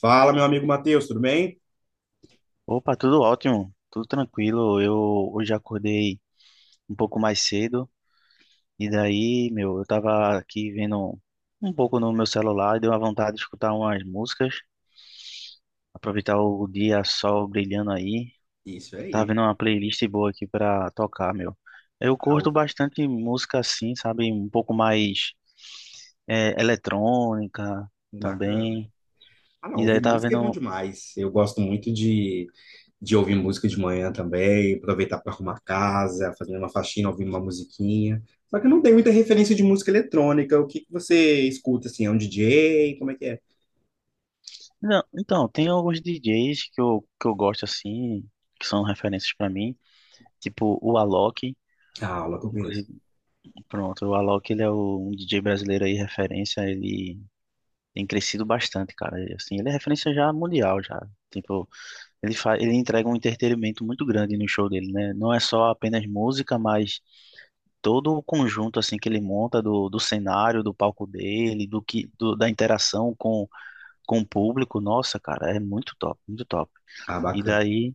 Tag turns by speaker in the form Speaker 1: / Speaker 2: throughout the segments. Speaker 1: Fala, meu amigo Matheus, tudo bem?
Speaker 2: Opa, tudo ótimo, tudo tranquilo. Eu hoje acordei um pouco mais cedo e daí, meu, eu tava aqui vendo um pouco no meu celular e deu uma vontade de escutar umas músicas, aproveitar o dia, sol brilhando aí.
Speaker 1: Isso
Speaker 2: Tava
Speaker 1: aí.
Speaker 2: vendo uma playlist boa aqui pra tocar, meu. Eu
Speaker 1: Ah,
Speaker 2: curto
Speaker 1: o-
Speaker 2: bastante música assim, sabe, um pouco mais eletrônica
Speaker 1: Bacana.
Speaker 2: também.
Speaker 1: Ah, não,
Speaker 2: E daí
Speaker 1: ouvir
Speaker 2: tava
Speaker 1: música é bom
Speaker 2: vendo.
Speaker 1: demais. Eu gosto muito De ouvir música de manhã também, aproveitar para arrumar a casa, fazer uma faxina, ouvir uma musiquinha. Só que eu não tenho muita referência de música eletrônica. O que que você escuta, assim? É um DJ? Como é que é?
Speaker 2: Não, então, tem alguns DJs que eu gosto assim, que são referências pra mim. Tipo, o Alok,
Speaker 1: A aula que eu conheço.
Speaker 2: inclusive, pronto, o Alok, ele é um DJ brasileiro aí, referência, ele tem crescido bastante, cara. E, assim, ele é referência já mundial, já. Tipo, ele entrega um entretenimento muito grande no show dele, né? Não é só apenas música, mas todo o conjunto, assim, que ele monta do cenário, do palco dele, da interação com o público. Nossa, cara, é muito top, muito top.
Speaker 1: Ah,
Speaker 2: E
Speaker 1: bacana.
Speaker 2: daí,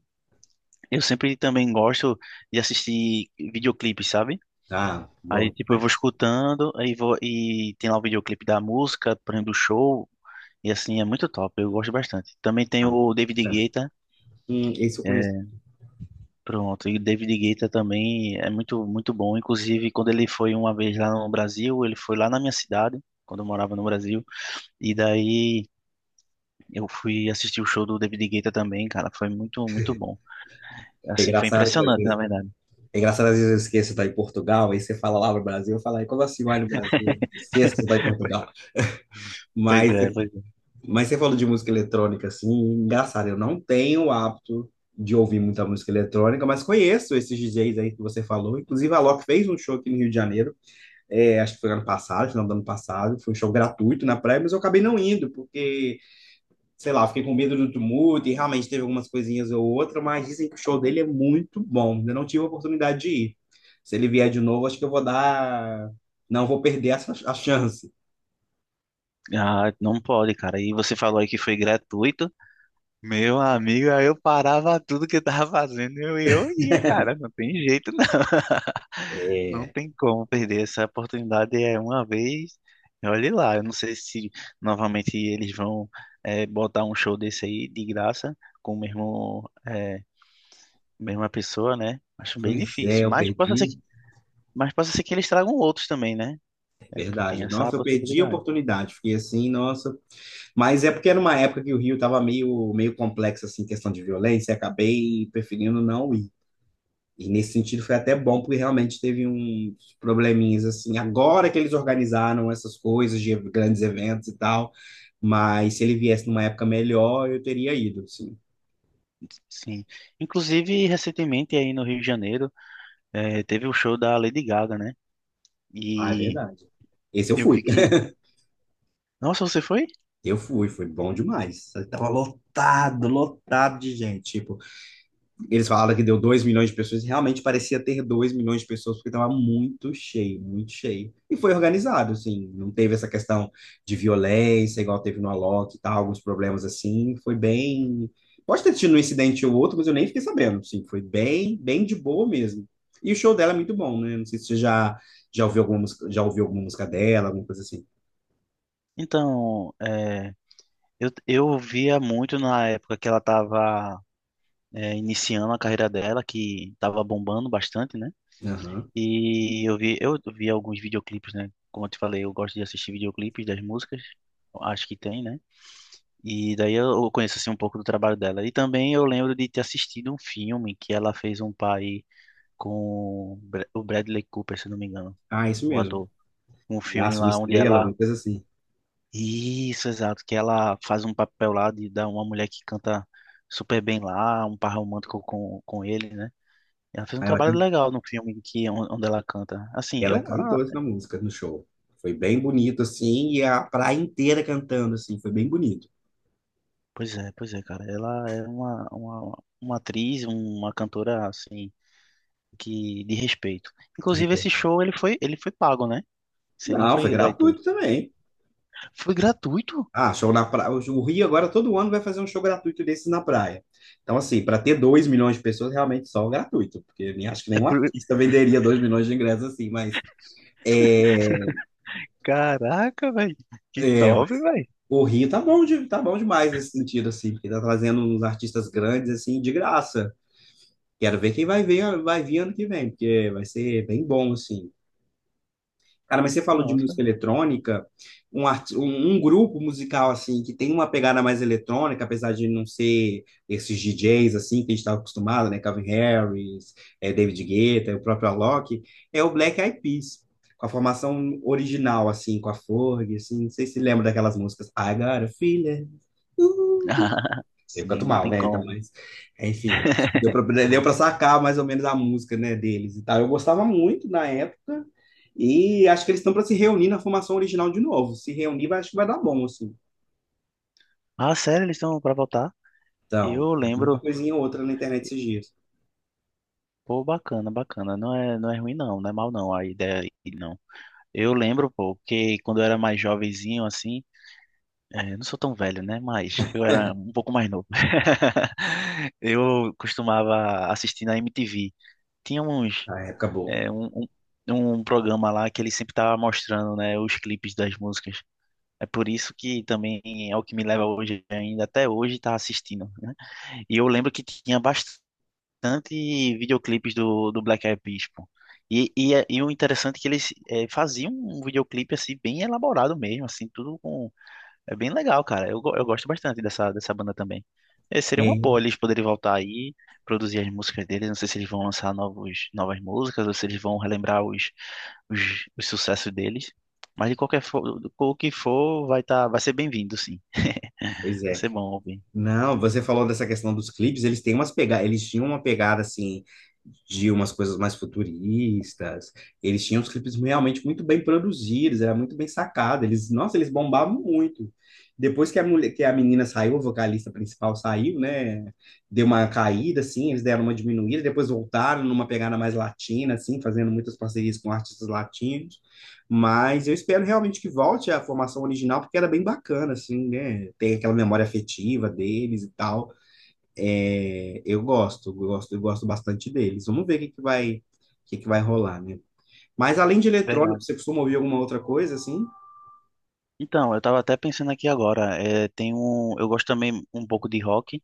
Speaker 2: eu sempre também gosto de assistir videoclipes, sabe?
Speaker 1: Ah, bom
Speaker 2: Aí, tipo, eu vou
Speaker 1: demais.
Speaker 2: escutando, aí vou, e tem lá o videoclipe da música, por exemplo, do show, e assim, é muito top, eu gosto bastante. Também tem
Speaker 1: Ah,
Speaker 2: o David
Speaker 1: bacana.
Speaker 2: Guetta,
Speaker 1: Esse eu conheço.
Speaker 2: é, pronto, e o David Guetta também é muito, muito bom, inclusive, quando ele foi uma vez lá no Brasil, ele foi lá na minha cidade, quando eu morava no Brasil, e daí eu fui assistir o show do David Guetta também, cara, foi muito, muito bom.
Speaker 1: É
Speaker 2: Assim, foi
Speaker 1: engraçado que
Speaker 2: impressionante, na verdade.
Speaker 1: É engraçado, às vezes eu esqueço de estar em Portugal, aí você fala lá no Brasil, eu falo, "Ai, como assim vai no Brasil? Esqueço de estar em Portugal."
Speaker 2: Pois
Speaker 1: Mas,
Speaker 2: é, pois é.
Speaker 1: mas você falou de música eletrônica, assim, engraçado, eu não tenho o hábito de ouvir muita música eletrônica, mas conheço esses DJs aí que você falou. Inclusive, a Loki fez um show aqui no Rio de Janeiro, é, acho que foi ano passado, final do ano passado, foi um show gratuito na praia, mas eu acabei não indo, porque sei lá, fiquei com medo do tumulto e realmente teve algumas coisinhas ou outra, mas dizem que o show dele é muito bom. Ainda não tive a oportunidade de ir. Se ele vier de novo, acho que eu vou dar. Não vou perder essa, a chance.
Speaker 2: Ah, não pode, cara. E você falou aí que foi gratuito. Meu amigo, aí eu parava tudo que eu tava fazendo e eu ia, cara, não tem jeito não. Não
Speaker 1: É,
Speaker 2: tem como perder essa oportunidade é uma vez. E olhe lá, eu não sei se novamente eles vão botar um show desse aí de graça com mesma pessoa, né? Acho bem
Speaker 1: pois é,
Speaker 2: difícil,
Speaker 1: eu
Speaker 2: mas possa ser
Speaker 1: perdi.
Speaker 2: que, mas possa ser que eles tragam outros também, né?
Speaker 1: É
Speaker 2: É, tem
Speaker 1: verdade.
Speaker 2: essa
Speaker 1: Nossa, eu perdi a
Speaker 2: possibilidade.
Speaker 1: oportunidade. Fiquei assim, nossa. Mas é porque era uma época que o Rio estava meio, meio complexo, assim, questão de violência, e acabei preferindo não ir. E nesse sentido foi até bom, porque realmente teve uns probleminhas assim. Agora que eles organizaram essas coisas de grandes eventos e tal, mas se ele viesse numa época melhor, eu teria ido, assim.
Speaker 2: Sim. Inclusive, recentemente aí no Rio de Janeiro, teve o show da Lady Gaga, né?
Speaker 1: Ah, é
Speaker 2: E
Speaker 1: verdade. Esse eu
Speaker 2: eu
Speaker 1: fui.
Speaker 2: vi que. Nossa, você foi?
Speaker 1: Eu fui, foi bom demais. Tava lotado, lotado de gente. Tipo, eles falaram que deu 2 milhões de pessoas e realmente parecia ter 2 milhões de pessoas, porque estava muito cheio, muito cheio. E foi organizado, assim, não teve essa questão de violência, igual teve no Alok e tal, alguns problemas assim. Foi bem. Pode ter tido um incidente ou outro, mas eu nem fiquei sabendo, assim, foi bem, bem de boa mesmo. E o show dela é muito bom, né? Não sei se você já, Já ouviu alguma música, já ouviu alguma música dela, alguma coisa assim.
Speaker 2: Então, eu via muito na época que ela estava iniciando a carreira dela, que estava bombando bastante, né?
Speaker 1: Aham.
Speaker 2: E eu vi alguns videoclipes, né? Como eu te falei, eu gosto de assistir videoclipes das músicas, acho que tem, né? E daí eu conheço assim um pouco do trabalho dela. E também eu lembro de ter assistido um filme que ela fez um pai com o Bradley Cooper, se não me engano,
Speaker 1: Ah, isso
Speaker 2: o
Speaker 1: mesmo.
Speaker 2: ator. Um filme
Speaker 1: Nasce uma
Speaker 2: lá onde
Speaker 1: estrela,
Speaker 2: ela.
Speaker 1: alguma coisa assim.
Speaker 2: Isso, exato, que ela faz um papel lá de dar uma mulher que canta super bem lá, um par romântico com ele, né? Ela fez um
Speaker 1: Aí ela
Speaker 2: trabalho legal no filme que onde ela canta. Assim,
Speaker 1: Ela cantou
Speaker 2: ah,
Speaker 1: essa música no show. Foi bem bonito, assim, e a praia inteira cantando, assim, foi bem bonito.
Speaker 2: pois é, cara, ela é uma atriz, uma cantora assim que de respeito. Inclusive esse show ele foi pago, né? Isso aí não
Speaker 1: Não,
Speaker 2: foi
Speaker 1: foi
Speaker 2: gratuito.
Speaker 1: gratuito também.
Speaker 2: Foi gratuito?
Speaker 1: Ah, show na praia. O Rio agora todo ano vai fazer um show gratuito desses na praia. Então, assim, para ter 2 milhões de pessoas, realmente só o gratuito, porque nem acho que
Speaker 2: É
Speaker 1: nenhum
Speaker 2: por-
Speaker 1: artista venderia 2 milhões de ingressos assim, mas é,
Speaker 2: Caraca, velho, que
Speaker 1: é,
Speaker 2: top, velho.
Speaker 1: o Rio tá bom, de, tá bom demais nesse sentido, assim, porque tá trazendo uns artistas grandes, assim, de graça. Quero ver quem vai ver, vai vir ano que vem, porque vai ser bem bom, assim. Cara, mas você falou de
Speaker 2: Nossa.
Speaker 1: música eletrônica, um grupo musical assim que tem uma pegada mais eletrônica, apesar de não ser esses DJs assim que a gente estava acostumado, né? Calvin Harris, David Guetta, o próprio Alok, é o Black Eyed Peas, com a formação original assim, com a Fergie, assim, não sei se lembra daquelas músicas I Got a Feeling, eu canto
Speaker 2: Sim, não
Speaker 1: mal,
Speaker 2: tem
Speaker 1: né? Então,
Speaker 2: como.
Speaker 1: mas, enfim, acho que deu para sacar mais ou menos a música, né, deles e tal. Eu gostava muito na época e acho que eles estão para se reunir na formação original de novo. Se reunir, vai, acho que vai dar bom, assim.
Speaker 2: Ah, sério, eles estão pra voltar?
Speaker 1: Então,
Speaker 2: Eu
Speaker 1: eu vi uma
Speaker 2: lembro.
Speaker 1: coisinha ou outra na internet esses dias.
Speaker 2: Pô, bacana, bacana. Não é ruim, não. Não é mal, não. A ideia aí, não. Eu lembro, pô, que quando eu era mais jovenzinho, assim. Eu não sou tão velho, né? Mas eu era um pouco mais novo. Eu costumava assistir na MTV. Tinha uns,
Speaker 1: Na época boa.
Speaker 2: eh, um programa lá que ele sempre tava mostrando, né? Os clipes das músicas. É por isso que também é o que me leva hoje, ainda até hoje, tá assistindo, né? E eu lembro que tinha bastante videoclipes do Black Eyed Peas, pô. E o interessante é que eles faziam um videoclipe assim bem elaborado mesmo, assim, tudo com é bem legal, cara. Eu gosto bastante dessa banda também. Seria uma boa
Speaker 1: É,
Speaker 2: eles poderem voltar aí, produzir as músicas deles. Não sei se eles vão lançar novos novas músicas ou se eles vão relembrar os sucessos deles. Mas o que for, vai ser bem-vindo, sim.
Speaker 1: pois
Speaker 2: Vai
Speaker 1: é.
Speaker 2: ser bom ouvir.
Speaker 1: Não, você falou dessa questão dos clipes, eles tinham uma pegada assim de umas coisas mais futuristas. Eles tinham os clipes realmente muito bem produzidos, era muito bem sacado. Eles, nossa, eles bombavam muito. Depois que a menina saiu, a vocalista principal saiu, né? Deu uma caída assim, eles deram uma diminuída, depois voltaram numa pegada mais latina assim, fazendo muitas parcerias com artistas latinos. Mas eu espero realmente que volte à formação original, porque era bem bacana, assim, né? Tem aquela memória afetiva deles e tal. É, eu gosto bastante deles. Vamos ver o que que vai rolar, né? Mas além de
Speaker 2: De
Speaker 1: eletrônico,
Speaker 2: verdade.
Speaker 1: você costuma ouvir alguma outra coisa, assim?
Speaker 2: Então, eu tava até pensando aqui agora, eu gosto também um pouco de rock,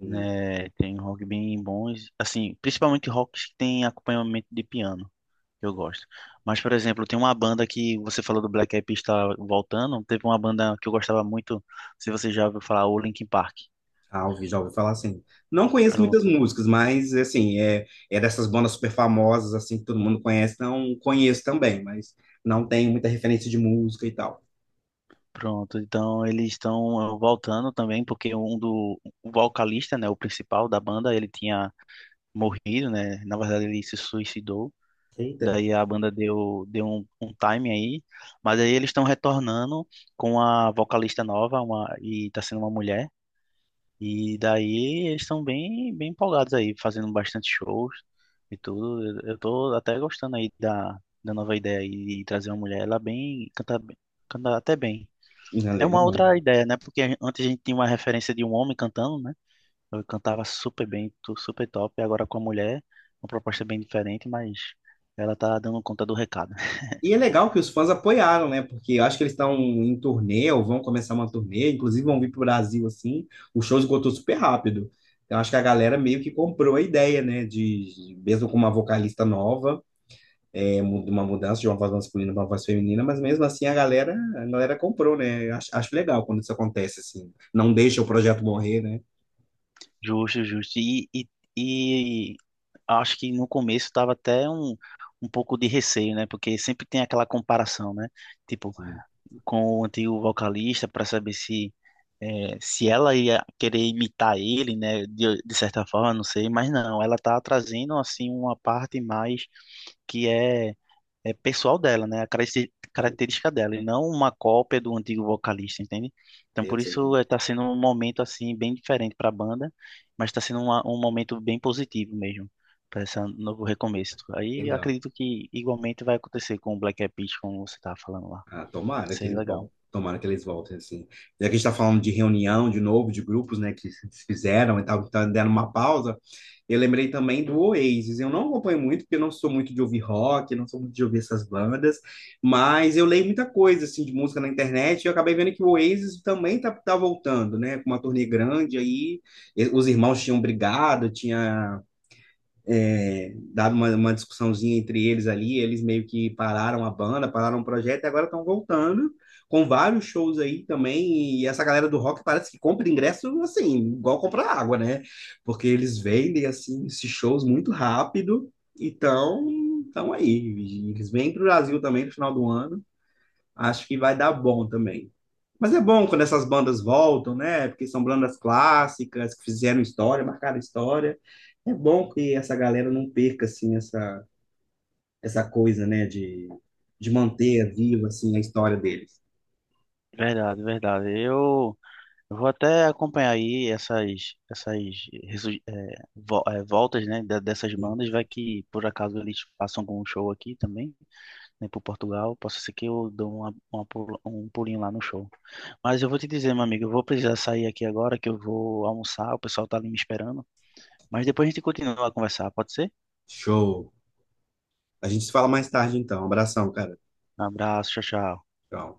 Speaker 1: Hum,
Speaker 2: né? Tem um rock bem bons, assim, principalmente rocks que tem acompanhamento de piano, eu gosto. Mas, por exemplo, tem uma banda que você falou do Black Eyed Peas está voltando, teve uma banda que eu gostava muito, se você já ouviu falar, o Linkin Park.
Speaker 1: Ah, ouvi, já ouvi falar assim. Não conheço muitas
Speaker 2: Pronto,
Speaker 1: músicas, mas, assim, é dessas bandas super famosas, assim, que todo mundo conhece. Não conheço também, mas não tenho muita referência de música e tal.
Speaker 2: pronto. Então, eles estão voltando também, porque um do o vocalista, né, o principal da banda, ele tinha morrido, né? Na verdade, ele se suicidou.
Speaker 1: Eita,
Speaker 2: Daí a banda deu um time aí, mas aí eles estão retornando com a vocalista nova, e tá sendo uma mulher, e daí eles estão bem empolgados aí, fazendo bastante shows e tudo. Eu tô até gostando aí da nova ideia aí de trazer uma mulher, ela canta até bem.
Speaker 1: não
Speaker 2: É uma
Speaker 1: lembro.
Speaker 2: outra ideia, né? Porque antes a gente tinha uma referência de um homem cantando, né? Eu cantava super bem, super top, e agora com a mulher, uma proposta bem diferente, mas ela tá dando conta do recado.
Speaker 1: E é legal que os fãs apoiaram, né? Porque eu acho que eles estão em turnê, ou vão começar uma turnê, inclusive vão vir para o Brasil, assim. O show esgotou super rápido. Então, acho que a galera meio que comprou a ideia, né? Mesmo com uma vocalista nova, de uma mudança de uma voz masculina para uma voz feminina, mas mesmo assim a galera comprou, né? Acho legal quando isso acontece, assim. Não deixa o projeto morrer, né?
Speaker 2: Justo, justo. E acho que no começo estava até um pouco de receio, né? Porque sempre tem aquela comparação, né? Tipo,
Speaker 1: Sim.
Speaker 2: com o antigo vocalista, para saber se ela ia querer imitar ele, né? De certa forma, não sei. Mas não, ela tá trazendo, assim, uma parte mais que é pessoal dela, né? A característica dela, e não uma cópia do antigo vocalista, entende? Então,
Speaker 1: É, eu
Speaker 2: por
Speaker 1: sei, né?
Speaker 2: isso está sendo um momento assim bem diferente para a banda, mas está sendo um momento bem positivo mesmo para esse novo recomeço. Aí eu
Speaker 1: Legal.
Speaker 2: acredito que igualmente vai acontecer com o Black Eyed Peas, como você estava falando lá.
Speaker 1: Ah, tomara que
Speaker 2: Seria
Speaker 1: eles
Speaker 2: legal.
Speaker 1: vão. Tomara que eles voltem, assim. Já que a gente está falando de reunião, de novo, de grupos, né, que se fizeram e tal, que tá dando uma pausa, eu lembrei também do Oasis. Eu não acompanho muito, porque eu não sou muito de ouvir rock, não sou muito de ouvir essas bandas, mas eu leio muita coisa, assim, de música na internet, e eu acabei vendo que o Oasis também tá, tá voltando, né, com uma turnê grande aí. Os irmãos tinham brigado, tinha é, dado uma discussãozinha entre eles ali, eles meio que pararam a banda, pararam o projeto e agora estão voltando com vários shows aí também. E essa galera do rock parece que compra ingresso assim, igual comprar água, né? Porque eles vendem assim esses shows muito rápido. Então, então aí, eles vêm para o Brasil também no final do ano. Acho que vai dar bom também. Mas é bom quando essas bandas voltam, né? Porque são bandas clássicas, que fizeram história, marcaram história. É bom que essa galera não perca, assim, essa coisa, né? De manter viva, assim, a história deles.
Speaker 2: Verdade, verdade. Eu vou até acompanhar aí essas voltas, né, dessas bandas, vai que por acaso eles façam algum show aqui também. Nem por Portugal. Possa ser que eu dou um pulinho lá no show. Mas eu vou te dizer, meu amigo, eu vou precisar sair aqui agora, que eu vou almoçar, o pessoal tá ali me esperando. Mas depois a gente continua a conversar, pode ser?
Speaker 1: Show. A gente se fala mais tarde, então. Abração, cara.
Speaker 2: Um abraço, tchau, tchau.
Speaker 1: Tchau.